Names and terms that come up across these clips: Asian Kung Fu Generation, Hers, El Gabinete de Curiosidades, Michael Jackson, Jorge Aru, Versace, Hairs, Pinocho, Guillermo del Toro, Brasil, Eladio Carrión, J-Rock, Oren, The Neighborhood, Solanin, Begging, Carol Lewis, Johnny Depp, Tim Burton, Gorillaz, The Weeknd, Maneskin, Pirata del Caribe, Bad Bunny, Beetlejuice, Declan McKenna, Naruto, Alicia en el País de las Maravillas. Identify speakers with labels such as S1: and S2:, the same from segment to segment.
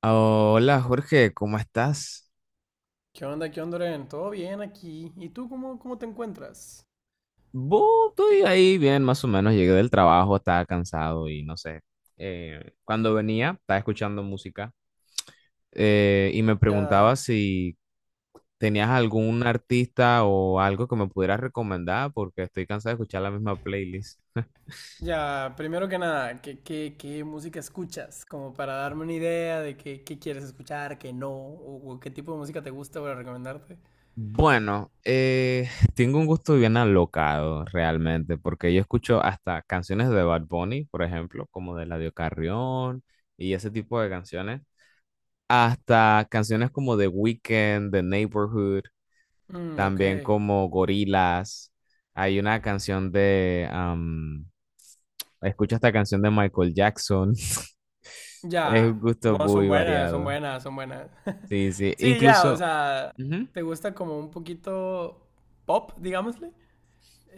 S1: Ah, hola Jorge, ¿cómo estás?
S2: Qué onda, Oren? ¿Todo bien aquí? ¿Y tú cómo te encuentras?
S1: Bu, estoy ahí bien, más o menos. Llegué del trabajo, estaba cansado y no sé. Cuando venía, estaba escuchando música, y me preguntaba
S2: Ya,
S1: si tenías algún artista o algo que me pudieras recomendar porque estoy cansado de escuchar la misma playlist.
S2: ya, primero que nada, ¿qué música escuchas? Como para darme una idea de qué quieres escuchar, qué no, o qué tipo de música te gusta para recomendarte.
S1: Bueno, tengo un gusto bien alocado realmente, porque yo escucho hasta canciones de Bad Bunny, por ejemplo, como de Eladio Carrión y ese tipo de canciones. Hasta canciones como The Weeknd, The Neighborhood,
S2: Mm, ok.
S1: también como Gorillaz. Hay una canción de, escucha esta canción de Michael Jackson. Es un
S2: Ya.
S1: gusto
S2: Bueno, son
S1: muy
S2: buenas, son
S1: variado.
S2: buenas, son buenas.
S1: Sí, sí.
S2: Sí, ya, o
S1: Incluso,
S2: sea,
S1: ujú,
S2: ¿te gusta como un poquito pop, digámosle? Eh,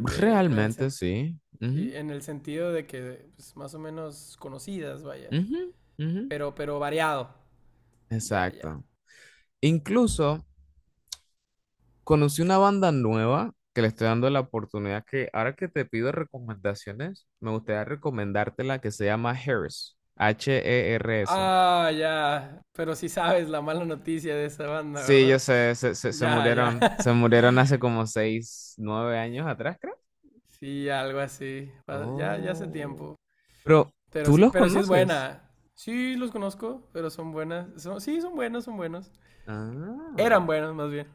S2: de, de- en el
S1: realmente
S2: sen-
S1: sí.
S2: sí,
S1: Ujú,
S2: en el sentido de que, pues, más o menos conocidas, vaya.
S1: ujú, ujú.
S2: Pero variado. Ya, ya.
S1: Exacto. Incluso conocí una banda nueva que le estoy dando la oportunidad que ahora que te pido recomendaciones, me gustaría recomendarte la que se llama Hers, Hers.
S2: Ah, ya. Pero sí sabes la mala noticia de esa banda,
S1: Sí, yo
S2: ¿verdad?
S1: sé, se, se, se
S2: Ya, ya.
S1: murieron, se murieron hace como seis, nueve años atrás, creo.
S2: Sí, algo así. Ya, ya hace
S1: Oh,
S2: tiempo.
S1: pero ¿tú los
S2: Pero sí es
S1: conoces?
S2: buena. Sí, los conozco, pero son buenas. Son, sí, son buenos, son buenos.
S1: Ah,
S2: Eran buenos, más bien.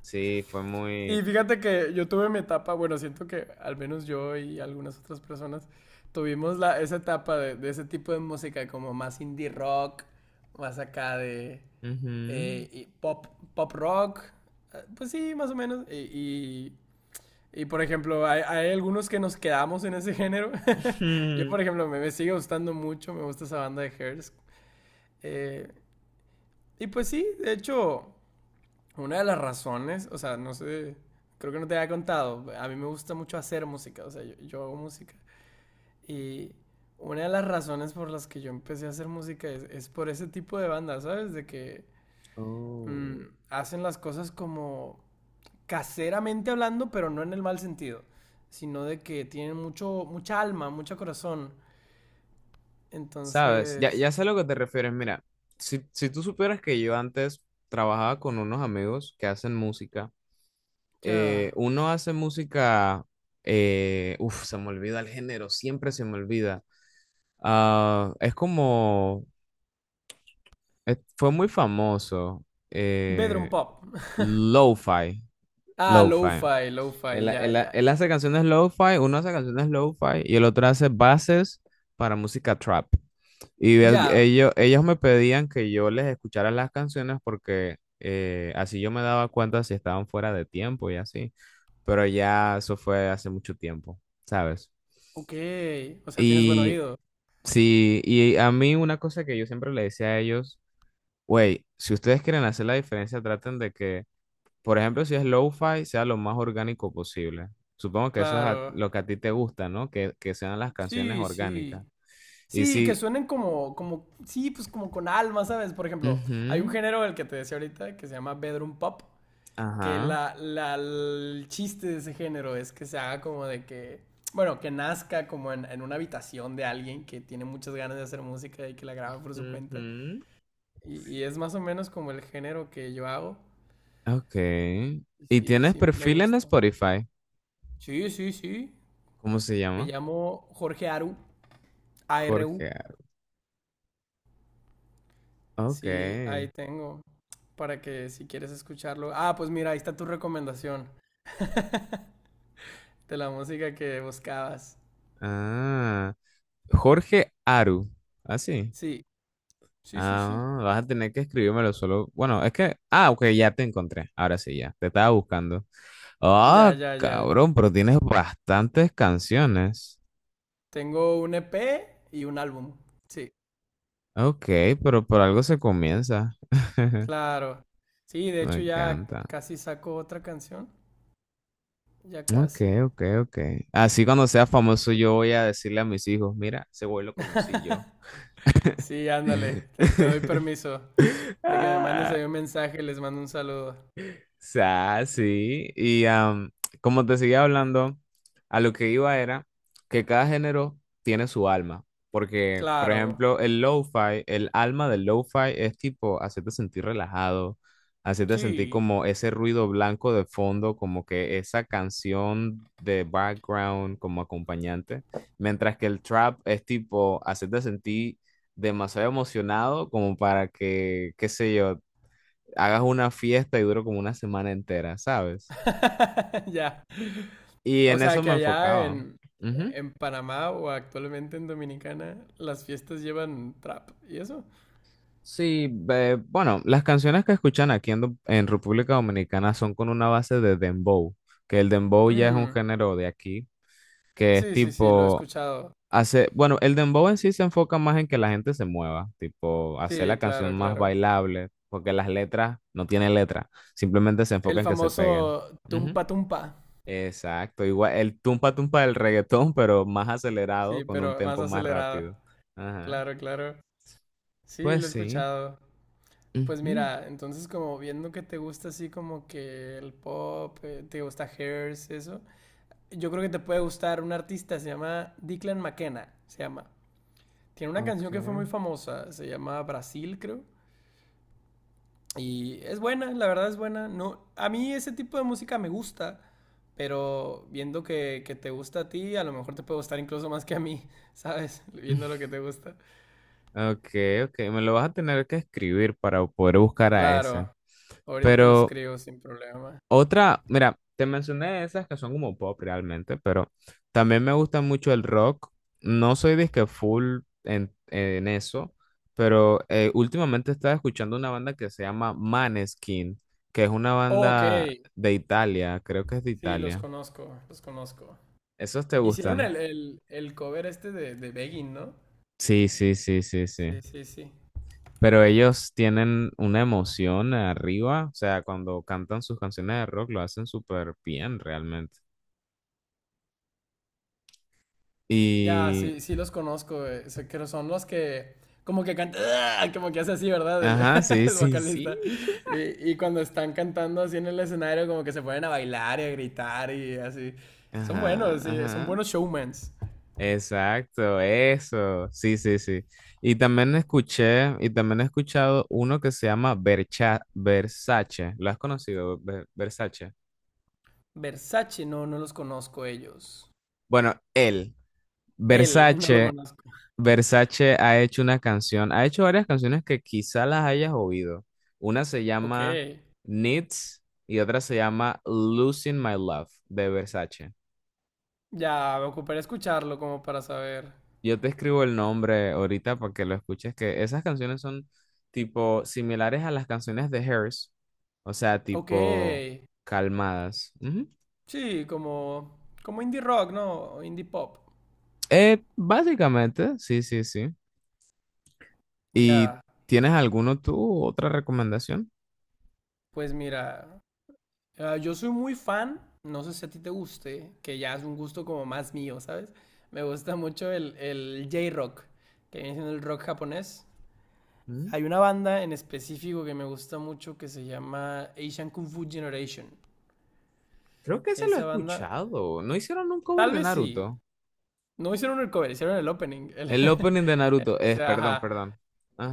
S1: sí, fue
S2: Y
S1: muy...
S2: fíjate que yo tuve mi etapa, bueno, siento que al menos yo y algunas otras personas tuvimos esa etapa de ese tipo de música como más indie rock, más acá de,
S1: Ujú.
S2: y pop, pop rock, pues sí, más o menos. Y, y, por ejemplo, hay algunos que nos quedamos en ese género. Yo, por ejemplo, me sigue gustando mucho, me gusta esa banda de Hairs. Eh, y pues sí, de hecho, una de las razones, o sea, no sé, creo que no te había contado, a mí me gusta mucho hacer música, o sea, yo hago música. Y una de las razones por las que yo empecé a hacer música es por ese tipo de bandas, ¿sabes? De que mm,
S1: Oh.
S2: hacen las cosas como caseramente hablando, pero no en el mal sentido, sino de que tienen mucho, mucha alma, mucho corazón.
S1: Sabes, ya,
S2: Entonces,
S1: ya sé a lo que te refieres. Mira, si tú supieras que yo antes trabajaba con unos amigos que hacen música,
S2: ya.
S1: uno hace música, uf, se me olvida el género, siempre se me olvida. Ah, es como, fue muy famoso,
S2: Bedroom
S1: eh,
S2: pop.
S1: lo-fi,
S2: Ah,
S1: lo-fi.
S2: lo-fi,
S1: Él,
S2: lo-fi, ya,
S1: él-
S2: ya,
S1: él
S2: ya.
S1: hace canciones lo-fi, uno hace canciones lo-fi y el otro hace bases para música trap. Y el-
S2: Ya.
S1: ellos, ellos me pedían que yo les escuchara las canciones porque así yo me daba cuenta si estaban fuera de tiempo y así. Pero ya eso fue hace mucho tiempo, ¿sabes?
S2: Ok. O sea, tienes buen
S1: Y
S2: oído.
S1: sí, y a mí una cosa que yo siempre le decía a ellos, güey, si ustedes quieren hacer la diferencia, traten de que por ejemplo, si es lo-fi, sea lo más orgánico posible. Supongo que eso es
S2: Claro.
S1: lo que a ti te gusta, ¿no? Que sean las canciones
S2: Sí, sí.
S1: orgánicas. Y
S2: Sí, que
S1: si...
S2: suenen como, como, sí, pues como con alma, ¿sabes? Por ejemplo, hay un
S1: Ujú,
S2: género el que te decía ahorita que se llama bedroom pop, que
S1: ajá.
S2: el chiste de ese género es que se haga como de que, bueno, que nazca como en una habitación de alguien que tiene muchas ganas de hacer música y que la graba por su cuenta.
S1: Ujú,
S2: Y es más o menos como el género que yo hago.
S1: ok.
S2: Y
S1: ¿Y
S2: sí,
S1: tienes
S2: sí, me
S1: perfil en
S2: gusta.
S1: Spotify?
S2: Sí, sí, sí.
S1: ¿Cómo se
S2: Me
S1: llama?
S2: llamo Jorge Aru, A R U.
S1: Jorge. Ok.
S2: Sí, ahí tengo, para que si quieres escucharlo. Ah, pues mira, ahí está tu recomendación de la música que buscabas.
S1: Ah. Jorge Aru. Así.
S2: Sí, sí, sí, sí.
S1: Ah, vas a tener que escribírmelo solo. Bueno, es que. Ah, ok, ya te encontré. Ahora sí, ya. Te estaba buscando.
S2: Ya,
S1: Ah,
S2: ya, ya, ya.
S1: cabrón, pero tienes bastantes canciones.
S2: Tengo un EP y un álbum. Sí,
S1: Ok, pero por algo se comienza.
S2: claro. Sí, de
S1: Me
S2: hecho ya
S1: encanta.
S2: casi saco otra canción. Ya
S1: Ok,
S2: casi.
S1: ok, ok. Así cuando sea famoso yo voy a decirle a mis hijos, mira, ese güey lo conocí yo.
S2: Sí, ándale. Te doy permiso de que me mandes
S1: Ah,
S2: ahí un mensaje y les mando un saludo.
S1: sea, sí. Y como te seguía hablando, a lo que iba era que cada género tiene su alma. Porque, por
S2: Claro.
S1: ejemplo, el lo-fi, el alma del lo-fi es tipo hacerte sentir relajado, hacerte sentir
S2: Sí.
S1: como ese ruido blanco de fondo, como que esa canción de background como acompañante. Mientras que el trap es tipo hacerte sentir demasiado emocionado como para que, qué sé yo, hagas una fiesta y duro como una semana entera, ¿sabes?
S2: Ya.
S1: Y
S2: O
S1: en
S2: sea,
S1: eso
S2: que
S1: me
S2: allá
S1: enfocaba. Ujú.
S2: en Panamá o actualmente en Dominicana, las fiestas llevan trap. ¿Y eso?
S1: Sí, bueno, las canciones que escuchan aquí en República Dominicana son con una base de dembow, que el dembow ya es un
S2: Mm,
S1: género de aquí, que es
S2: sí, sí, sí, lo he
S1: tipo,
S2: escuchado.
S1: bueno, el dembow en sí se enfoca más en que la gente se mueva, tipo, hacer la
S2: Sí,
S1: canción
S2: claro,
S1: más
S2: claro.
S1: bailable, porque las letras no tienen letra, simplemente se enfoca
S2: El
S1: en que se peguen.
S2: famoso tumpa tumpa.
S1: Exacto, igual el tumpa tumpa del reggaetón, pero más acelerado,
S2: Sí,
S1: con un
S2: pero más
S1: tempo más
S2: acelerado.
S1: rápido. Ajá.
S2: Claro, claro. Sí, lo he
S1: Pues sí.
S2: escuchado. Pues
S1: Ujú.
S2: mira, entonces como viendo que te gusta así como que el pop, te gusta Hairs, eso, yo creo que te puede gustar un artista, se llama Declan McKenna, se llama. Tiene una
S1: Ok.
S2: canción que fue muy famosa, se llama Brasil, creo. Y es buena, la verdad es buena. No, a mí ese tipo de música me gusta. Pero viendo que te gusta a ti, a lo mejor te puede gustar incluso más que a mí, ¿sabes? Viendo lo que te gusta.
S1: Ok, ok, me lo vas a tener que escribir para poder buscar a esa.
S2: Claro, ahorita te lo
S1: Pero
S2: escribo sin problema.
S1: otra, mira, te mencioné esas que son como pop realmente, pero también me gusta mucho el rock. No soy disque full en eso, pero últimamente estaba escuchando una banda que se llama Maneskin, que es una
S2: Ok,
S1: banda de Italia, creo que es de
S2: sí, los
S1: Italia.
S2: conozco, los conozco.
S1: ¿Esos te
S2: Hicieron
S1: gustan?
S2: el cover este de Begging, ¿no?
S1: Sí, sí, sí, sí, sí.
S2: Sí, sí, sí.
S1: Pero ellos tienen una emoción arriba, o sea, cuando cantan sus canciones de rock lo hacen súper bien realmente.
S2: Ya,
S1: Y
S2: sí, sí los conozco, sé que son los que como que cantan, como que hace así, ¿verdad? El,
S1: Ajá, sí,
S2: el
S1: sí, sí.
S2: vocalista. Y cuando están cantando así en el escenario, como que se ponen a bailar y a gritar y así. Son
S1: Ajá,
S2: buenos, sí, son
S1: ajá.
S2: buenos showmans.
S1: Exacto, eso. Sí, sí, sí. Y también escuché, y también he escuchado uno que se llama Versace. ¿Lo has conocido, Versace?
S2: Versace, no, no los conozco ellos.
S1: Bueno,
S2: Él, no lo
S1: Versace,
S2: conozco.
S1: Versace ha hecho una canción, ha hecho varias canciones que quizá las hayas oído. Una se
S2: Ok,
S1: llama Needs y otra se llama Losing My Love de Versace.
S2: ya, me ocuparé escucharlo como para saber.
S1: Yo te escribo el nombre ahorita para que lo escuches, que esas canciones son tipo similares a las canciones de Hers, o sea,
S2: Ok,
S1: tipo calmadas. Ujú.
S2: sí, como, como indie rock, ¿no? O Indie pop.
S1: Básicamente, sí, sí, sí. ¿Y
S2: Ya,
S1: tienes alguno tú, otra recomendación?
S2: pues mira, ah, yo soy muy fan, no sé si a ti te guste, que ya es un gusto como más mío, ¿sabes? Me gusta mucho el J-Rock, que viene siendo el rock japonés.
S1: Mm.
S2: Hay una banda en específico que me gusta mucho que se llama Asian Kung Fu Generation.
S1: Creo que se lo he
S2: Esa banda,
S1: escuchado. ¿No hicieron un cover
S2: tal
S1: de
S2: vez sí,
S1: Naruto?
S2: no hicieron el cover, hicieron el opening. O
S1: El opening de Naruto,
S2: sea,
S1: perdón,
S2: ajá,
S1: perdón.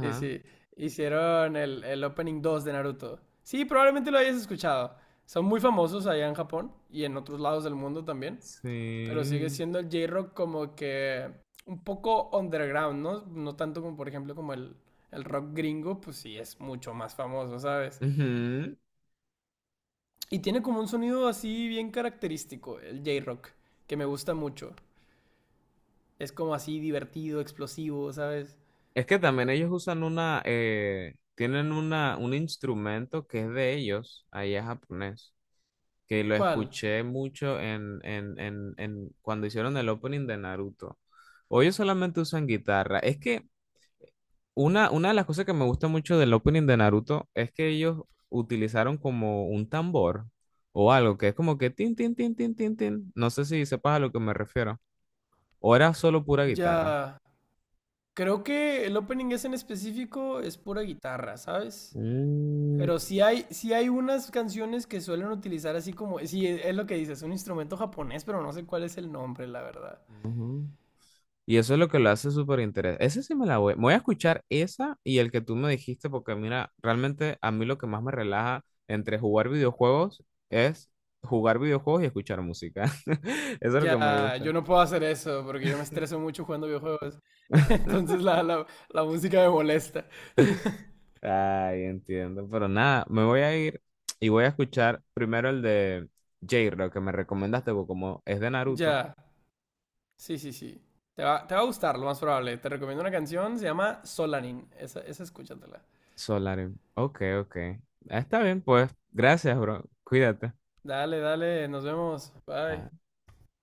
S2: sí, sí. Hicieron el opening 2 de Naruto. Sí, probablemente lo hayas escuchado. Son muy famosos allá en Japón y en otros lados del mundo también. Pero sigue
S1: sí.
S2: siendo el J-Rock como que un poco underground, ¿no? No tanto como, por ejemplo, como el rock gringo, pues sí es mucho más famoso, ¿sabes?
S1: Ujú.
S2: Y tiene como un sonido así bien característico, el J-Rock, que me gusta mucho. Es como así divertido, explosivo, ¿sabes?
S1: Es que también ellos usan una, tienen una, un instrumento que es de ellos, ahí es japonés, que lo
S2: ¿Cuál?
S1: escuché mucho en cuando hicieron el opening de Naruto. O ellos solamente usan guitarra. Es que una de las cosas que me gusta mucho del opening de Naruto es que ellos utilizaron como un tambor o algo que es como que tin, tin, tin, tin, tin, tin. No sé si sepas a lo que me refiero. O era solo pura guitarra.
S2: Ya. Creo que el opening es en específico es pura guitarra, ¿sabes?
S1: Mm,
S2: Pero sí hay unas canciones que suelen utilizar así como, sí, es lo que dices, un instrumento japonés, pero no sé cuál es el nombre, la verdad.
S1: ujú. Y eso es lo que lo hace súper interesante. Ese sí me la voy. Me voy a escuchar esa y el que tú me dijiste, porque mira, realmente a mí lo que más me relaja entre jugar videojuegos es jugar videojuegos y escuchar música. Eso es lo que me
S2: Ya, yo
S1: gusta.
S2: no puedo hacer eso porque yo me estreso mucho jugando videojuegos. Entonces la música me molesta.
S1: Ay, entiendo. Pero nada, me voy a ir y voy a escuchar primero el de J, lo que me recomendaste, porque como es de Naruto,
S2: Ya, sí, sí, sí. Te va a gustar, lo más probable. Te recomiendo una canción, se llama Solanin. Esa escúchatela.
S1: Solarin. Ok, ok. Ah, está bien, pues. Gracias, bro. Cuídate.
S2: Dale, dale, nos vemos. Bye.